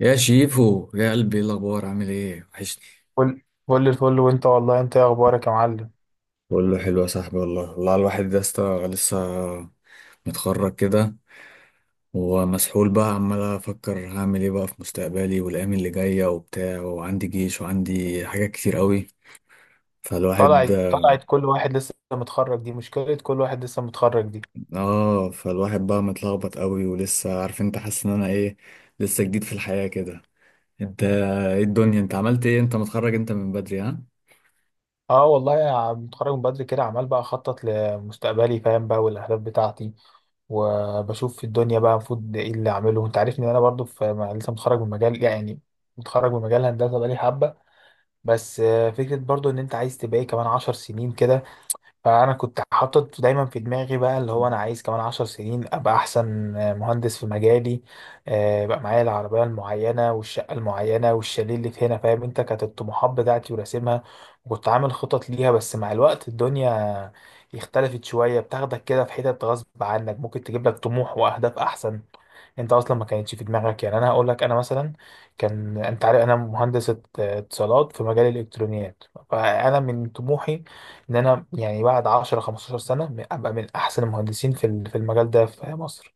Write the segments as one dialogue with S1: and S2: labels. S1: يا شيفو يا قلبي، ايه الاخبار؟ عامل ايه؟ وحشني.
S2: كل كل الفل، وانت والله انت ايه اخبارك يا معلم؟
S1: بقول له حلو يا صاحبي. والله والله الواحد يا اسطى لسه متخرج كده، ومسحول بقى، عمال افكر هعمل ايه بقى في مستقبلي والايام اللي جايه وبتاع، وعندي جيش وعندي حاجات كتير قوي. فالواحد،
S2: طلعت كل واحد لسه متخرج دي مشكلة، كل واحد لسه متخرج دي.
S1: اه، فالواحد بقى متلخبط قوي، ولسه عارف انت، حاسس ان انا ايه، لسه جديد في الحياه كده. انت ايه الدنيا؟ انت عملت ايه؟ انت متخرج انت من بدري؟ ها.
S2: اه والله، يا متخرج من بدري كده، عمال بقى اخطط لمستقبلي، فاهم بقى، والاهداف بتاعتي، وبشوف في الدنيا بقى المفروض ايه اللي اعمله. انت عارفني ان انا برضو في لسه متخرج من مجال، يعني متخرج من مجال هندسة بقالي حبة. بس فكرة برضو ان انت عايز تبقى ايه كمان عشر سنين كده. فأنا كنت حاطط دايما في دماغي بقى اللي هو أنا عايز كمان عشر سنين أبقى أحسن مهندس في مجالي. بقى معايا العربية المعينة والشقة المعينة والشاليه اللي في هنا، فاهم أنت، كانت الطموحات بتاعتي وراسمها، وكنت عامل خطط ليها. بس مع الوقت الدنيا اختلفت شوية، بتاخدك كده في حتت غصب عنك، ممكن تجيب لك طموح وأهداف أحسن انت اصلا ما كانتش في دماغك. يعني انا هقول لك، انا مثلا كان انت عارف انا مهندس اتصالات في مجال الالكترونيات، فانا من طموحي ان انا يعني بعد 10 15 سنه ابقى من احسن المهندسين في في المجال ده في مصر.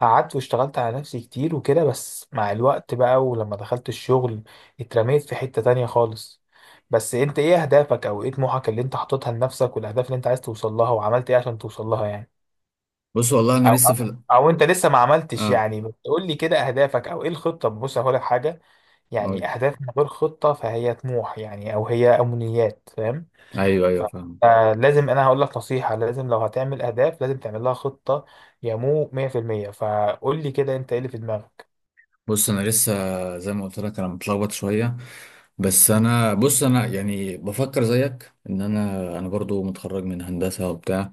S2: قعدت واشتغلت على نفسي كتير وكده، بس مع الوقت بقى ولما دخلت الشغل اترميت في حته تانية خالص. بس انت ايه اهدافك او ايه طموحك اللي انت حاططها لنفسك، والاهداف اللي انت عايز توصل لها، وعملت ايه عشان توصل لها يعني؟
S1: بص والله انا
S2: او
S1: لسه في ال...
S2: او انت لسه ما عملتش
S1: اه،
S2: يعني، بس قول لي كده اهدافك او ايه الخطه. بص هقول لك حاجه، يعني
S1: اقول،
S2: اهداف من غير خطه فهي طموح يعني، او هي امنيات، فاهم؟
S1: ايوه
S2: ف-
S1: ايوه فاهم.
S2: فلازم انا هقول لك نصيحة، لازم لو هتعمل اهداف لازم تعمل لها خطة، يمو 100%. فقول لي كده انت ايه اللي في دماغك.
S1: بص انا لسه زي ما قلت لك انا متلخبط شويه. بس انا، بص، انا يعني بفكر زيك. ان انا برضو متخرج من هندسه وبتاع،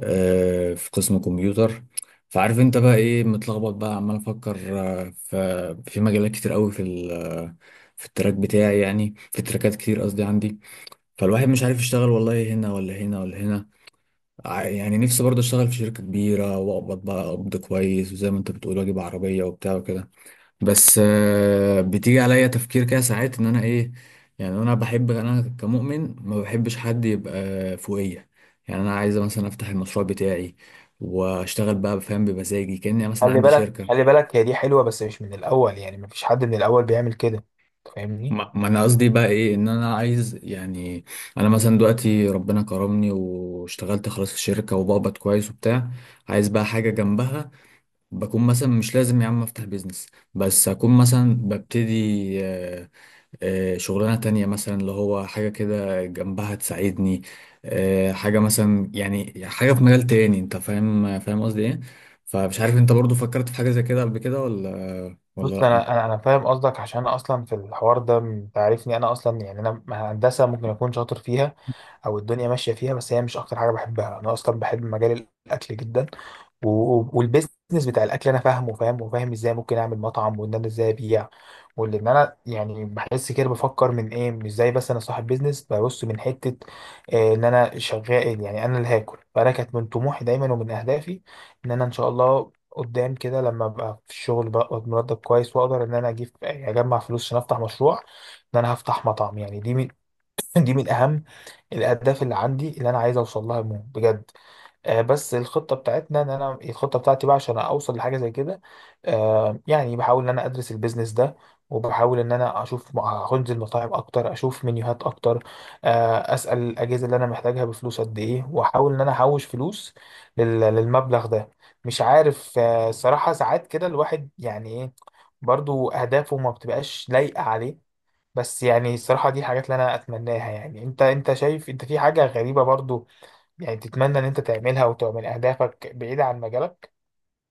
S1: في قسم كمبيوتر. فعارف انت بقى ايه، متلخبط بقى، عمال افكر في مجالات كتير قوي في ال- في التراك بتاعي، يعني في تراكات كتير قصدي عندي. فالواحد مش عارف يشتغل والله هنا ولا هنا ولا هنا. ع- يعني نفسي برضه اشتغل في شركه كبيره واقبض بقى قبض كويس، وزي ما انت بتقول واجيب عربيه وبتاع وكده. بس بتيجي عليا تفكير كده ساعات ان انا ايه، يعني انا بحب، انا كمؤمن ما بحبش حد يبقى فوقية. يعني انا عايز مثلا افتح المشروع بتاعي واشتغل بقى، فاهم، بمزاجي، كأني مثلا
S2: خلي
S1: عندي
S2: بالك خلي
S1: شركة.
S2: بالك، هي دي حلوة بس مش من الاول، يعني مفيش حد من الاول بيعمل كده، فاهمني؟
S1: ما انا قصدي بقى ايه، ان انا عايز يعني، انا مثلا دلوقتي ربنا كرمني واشتغلت خلاص في الشركة وبقبض كويس وبتاع، عايز بقى حاجة جنبها، بكون مثلا مش لازم يا عم افتح بيزنس، بس اكون مثلا ببتدي آه، شغلانة تانية مثلا، اللي هو حاجة كده جنبها تساعدني، حاجة مثلا، يعني حاجة في مجال تاني. انت فاهم، فاهم قصدي ايه؟ فمش عارف انت برضو فكرت في حاجة زي كده قبل كده ولا
S2: بص
S1: ولا لأ.
S2: انا فاهم قصدك، عشان انا اصلا في الحوار ده انت عارفني، انا اصلا يعني انا هندسة ممكن اكون شاطر فيها او الدنيا ماشيه فيها، بس هي مش اكتر حاجه بحبها. انا اصلا بحب مجال الاكل جدا، والبيزنس بتاع الاكل انا فاهمه، وفاهم وفاهم ازاي ممكن اعمل مطعم، وان انا ازاي ابيع، وان انا يعني بحس كده، بفكر من ايه، مش زي بس انا صاحب بيزنس ببص من حته ان انا شغال، يعني انا اللي هاكل. فانا كانت من طموحي دايما ومن اهدافي ان انا ان شاء الله قدام كده لما ابقى في الشغل بقى مرتب كويس، واقدر ان انا اجيب يعني اجمع فلوس عشان افتح مشروع، ان انا هفتح مطعم. يعني دي من اهم الاهداف اللي عندي اللي انا عايز اوصل لها، مو بجد. بس الخطه بتاعتنا ان انا الخطه بتاعتي بقى عشان اوصل لحاجه زي كده، يعني بحاول ان انا ادرس البيزنس ده، وبحاول ان انا اشوف هنزل مطاعم اكتر، اشوف منيوهات اكتر، اسال الاجهزه اللي انا محتاجها بفلوس قد ايه، واحاول ان انا احوش فلوس للمبلغ ده. مش عارف الصراحه، ساعات كده الواحد يعني ايه، برضو اهدافه ما بتبقاش لايقه عليه. بس يعني الصراحة دي الحاجات اللي أنا أتمناها. يعني أنت، أنت شايف أنت في حاجة غريبة برضو، يعني تتمنى إن أنت تعملها وتبقى من أهدافك بعيدة عن مجالك؟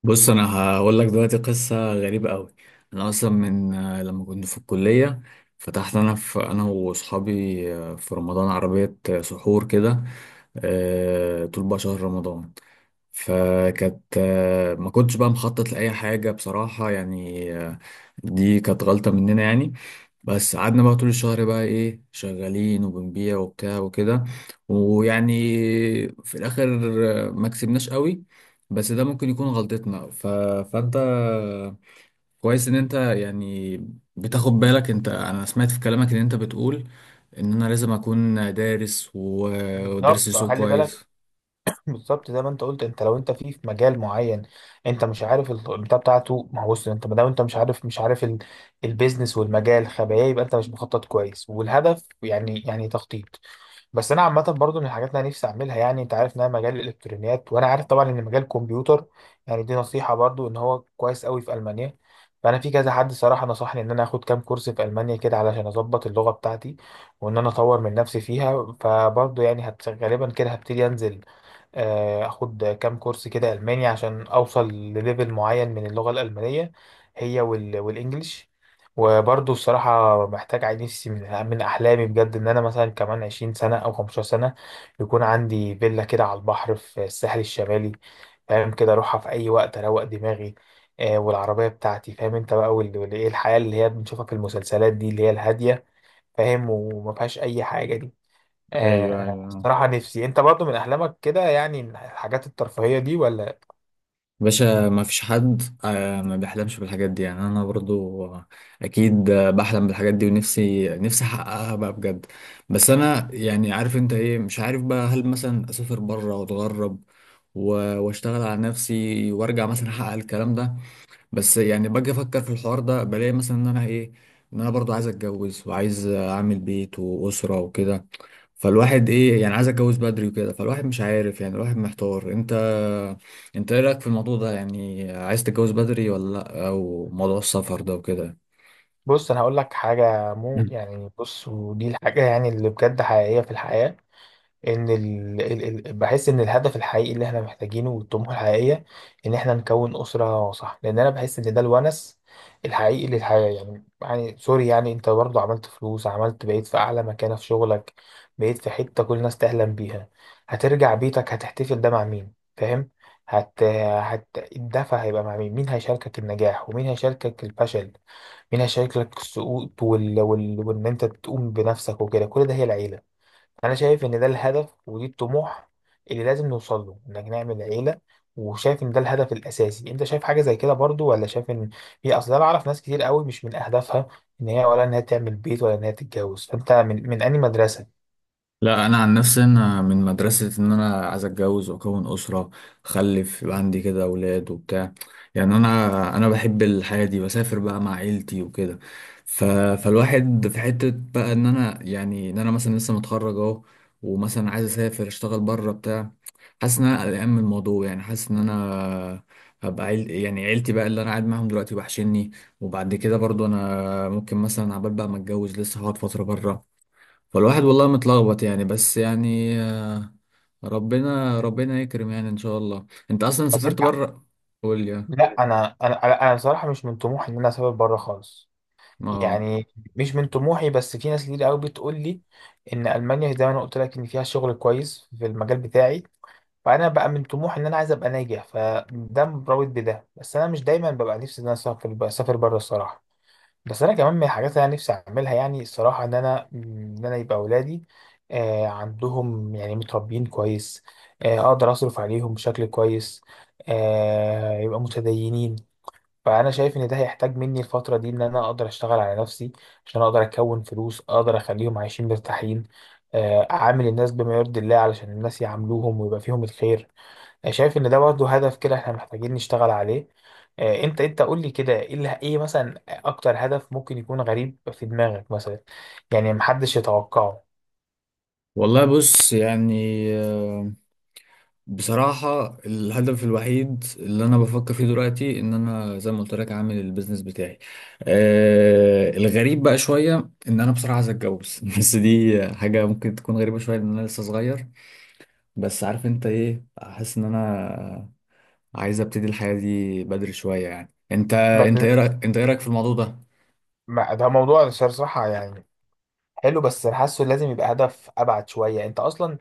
S1: بص انا هقول لك دلوقتي قصة غريبة قوي. انا اصلا من لما كنت في الكلية، فتحت انا، انا واصحابي، في رمضان، عربية سحور كده، طول بقى شهر رمضان. فكانت ما كنتش بقى مخطط لأي حاجة بصراحة، يعني دي كانت غلطة مننا يعني. بس قعدنا بقى طول الشهر بقى ايه شغالين وبنبيع وبتاع وكده، ويعني في الآخر ما كسبناش قوي. بس ده ممكن يكون غلطتنا. ف... فأنت كويس إن أنت يعني بتاخد بالك. أنت، أنا سمعت في كلامك إن أنت بتقول إن أنا لازم أكون دارس و- ودارس
S2: بالظبط
S1: السوق
S2: خلي بالك،
S1: كويس.
S2: بالظبط. زي ما أنت قلت، أنت لو أنت في في مجال معين أنت مش عارف البتاع بتاعته، ما هو بص، أنت ما دام أنت مش عارف البيزنس والمجال خبايا، يبقى أنت مش مخطط كويس، والهدف يعني يعني تخطيط. بس انا عامه برضو من الحاجات اللي انا نفسي اعملها، يعني انت عارف ان انا مجال الالكترونيات، وانا عارف طبعا ان مجال الكمبيوتر، يعني دي نصيحه برضو، ان هو كويس قوي في المانيا. فانا في كذا حد صراحه نصحني ان انا اخد كام كورس في المانيا كده علشان اظبط اللغه بتاعتي، وان انا اطور من نفسي فيها. فبرضو يعني هت غالبا كده هبتدي انزل اخد كام كورس كده الماني عشان اوصل لليفل معين من اللغه الالمانيه، هي والانجليش. وبرضه الصراحه محتاج عايز، نفسي من احلامي بجد ان انا مثلا كمان 20 سنه او 15 سنه يكون عندي فيلا كده على البحر في الساحل الشمالي، فاهم كده، اروحها في اي وقت اروق دماغي، والعربيه بتاعتي، فاهم انت بقى، ايه الحياه اللي هي بنشوفها في المسلسلات دي اللي هي الهاديه، فاهم، وما فيهاش اي حاجه دي.
S1: ايوه ايوه.
S2: الصراحة نفسي، انت برضو من احلامك كده يعني الحاجات الترفيهية دي ولا؟
S1: باشا ما فيش حد ما بيحلمش بالحاجات دي، يعني انا برضو اكيد بحلم بالحاجات دي، ونفسي نفسي احققها بقى بجد. بس انا يعني عارف انت ايه، مش عارف بقى هل مثلا اسافر بره واتغرب و- واشتغل على نفسي وارجع مثلا احقق الكلام ده. بس يعني باجي افكر في الحوار ده بلاقي مثلا ان انا ايه، ان انا برضو عايز اتجوز، وعايز اعمل بيت واسرة وكده. فالواحد ايه، يعني عايز اتجوز بدري وكده. فالواحد مش عارف يعني، الواحد محتار. انت انت ايه رايك في الموضوع ده؟ يعني عايز تتجوز بدري ولا لا؟ او موضوع السفر ده وكده.
S2: بص انا هقول لك حاجة، مو
S1: مم.
S2: يعني بص، ودي الحاجة يعني اللي بجد حقيقية في الحياة. ان بحس ان الهدف الحقيقي اللي احنا محتاجينه والطموح الحقيقيه ان احنا نكون اسره صح، لان انا بحس ان ده الونس الحقيقي للحياه، يعني يعني سوري يعني، انت برضه عملت فلوس، عملت بقيت في اعلى مكانه في شغلك، بقيت في حته كل الناس تحلم بيها، هترجع بيتك، هتحتفل ده مع مين فاهم؟ هت... هت الدفع هيبقى مع مين، مين هيشاركك النجاح، ومين هيشاركك الفشل، مين هيشاركك السقوط، وان انت تقوم بنفسك وكده، كل ده هي العيله. انا شايف ان ده الهدف، ودي الطموح اللي لازم نوصل له، انك نعمل عيله، وشايف ان ده الهدف الاساسي. انت شايف حاجه زي كده برضو، ولا شايف ان هي اصلا، انا اعرف ناس كتير قوي مش من اهدافها ان هي، ولا ان هي تعمل بيت، ولا ان هي تتجوز، فانت من انهي مدرسه؟
S1: لا انا عن نفسي انا من مدرسه ان انا عايز اتجوز واكون اسره، اخلف يبقى عندي كده اولاد وبتاع. يعني انا بحب الحياه دي، بسافر بقى مع عيلتي وكده. ف... فالواحد في حته بقى ان انا يعني، ان انا مثلا لسه متخرج اهو، ومثلا عايز اسافر اشتغل بره بتاع، حاسس ان انا قلقان من الموضوع، يعني حاسس ان انا هبقى عيل، يعني عيلتي بقى اللي انا قاعد معاهم دلوقتي وحشني. وبعد كده برضو انا ممكن مثلا، عبال بقى ما اتجوز، لسه هقعد فتره بره. فالواحد والله متلخبط يعني، بس يعني ربنا يكرم يعني ان شاء الله. انت اصلا
S2: بس انت،
S1: سافرت بره؟ قول لي.
S2: لا انا انا انا أنا بصراحه مش من طموحي ان انا اسافر بره خالص.
S1: اه
S2: يعني مش من طموحي، بس في ناس كتير قوي بتقول لي ان المانيا زي ما انا قلت لك ان فيها شغل كويس في المجال بتاعي، فانا بقى من طموحي ان انا عايز ابقى ناجح، فده مرتبط بده، بس انا مش دايما ببقى نفسي ان انا اسافر اسافر بره الصراحه. بس انا كمان من الحاجات اللي انا نفسي اعملها يعني الصراحه ان انا ان انا يبقى اولادي عندهم يعني متربيين كويس، اقدر اصرف عليهم بشكل كويس، يبقى متدينين. فانا شايف ان ده هيحتاج مني الفتره دي ان انا اقدر اشتغل على نفسي عشان اقدر اكون فلوس، اقدر اخليهم عايشين مرتاحين، اعامل الناس بما يرضي الله علشان الناس يعاملوهم ويبقى فيهم الخير، شايف ان ده برضه هدف كده احنا محتاجين نشتغل عليه. انت انت قول لي كده ايه اللي، ايه مثلا اكتر هدف ممكن يكون غريب في دماغك مثلا، يعني محدش يتوقعه؟
S1: والله. بص يعني بصراحة الهدف الوحيد اللي أنا بفكر فيه دلوقتي إن أنا زي ما قلت لك عامل البيزنس بتاعي. آه، الغريب بقى شوية إن أنا بصراحة عايز أتجوز بس دي حاجة ممكن تكون غريبة شوية، لأن أنا لسه صغير. بس عارف أنت إيه، أحس إن أنا عايز أبتدي الحياة دي بدري شوية يعني. أنت
S2: بس
S1: أنت إيه رأيك، أنت إيه رأيك في الموضوع ده؟
S2: ده موضوع صراحة يعني حلو، بس أنا حاسه لازم يبقى هدف ابعد شويه. انت اصلا،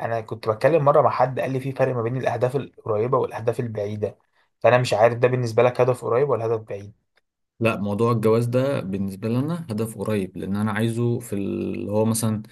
S2: انا كنت بتكلم مره مع حد قال لي في فرق ما بين الاهداف القريبه والاهداف البعيده، فانا مش عارف ده بالنسبه لك هدف قريب ولا هدف بعيد.
S1: لا، موضوع الجواز ده بالنسبة لي أنا هدف قريب، لأن أنا عايزه في اللي هو مثلا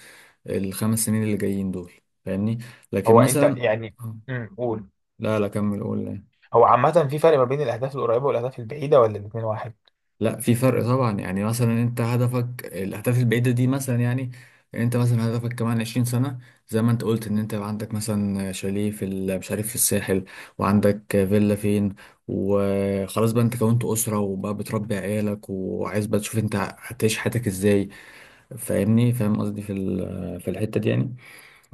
S1: الخمس سنين اللي جايين دول. فاهمني؟ لكن
S2: هو انت
S1: مثلا،
S2: يعني،
S1: آه.
S2: قول.
S1: لا لا، كمل قول لي.
S2: هو عامه في فرق ما بين الاهداف القريبه والاهداف البعيده، ولا الاتنين واحد؟
S1: لا، في فرق طبعا. يعني مثلا انت هدفك الاهداف البعيده دي، مثلا يعني انت مثلا هدفك كمان 20 سنه، زي ما انت قلت ان انت يبقى عندك مثلا شاليه في ال- مش عارف في الساحل، وعندك فيلا فين، وخلاص بقى انت كونت اسره وبقى بتربي عيالك، وعايز بقى تشوف انت هتعيش حياتك ازاي. فاهمني؟ فاهم قصدي في ال- في الحته دي يعني.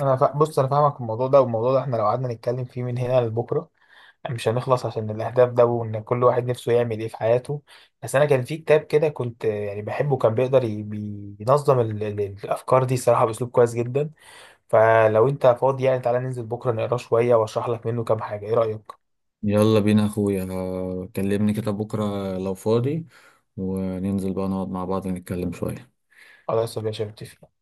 S2: بص انا فاهمك في الموضوع ده، والموضوع ده احنا لو قعدنا نتكلم فيه من هنا لبكره مش هنخلص، عشان الاهداف ده وان كل واحد نفسه يعمل ايه في حياته. بس انا كان في كتاب كده كنت يعني بحبه، كان بيقدر بينظم الافكار دي صراحه باسلوب كويس جدا. فلو انت فاضي يعني تعالى ننزل بكره نقراه شويه واشرح لك منه كام حاجه، ايه رايك؟
S1: يلا بينا يا اخويا. كلمني كده بكره لو فاضي، وننزل بقى نقعد مع بعض نتكلم شويه.
S2: خلاص يا باشا، متفق.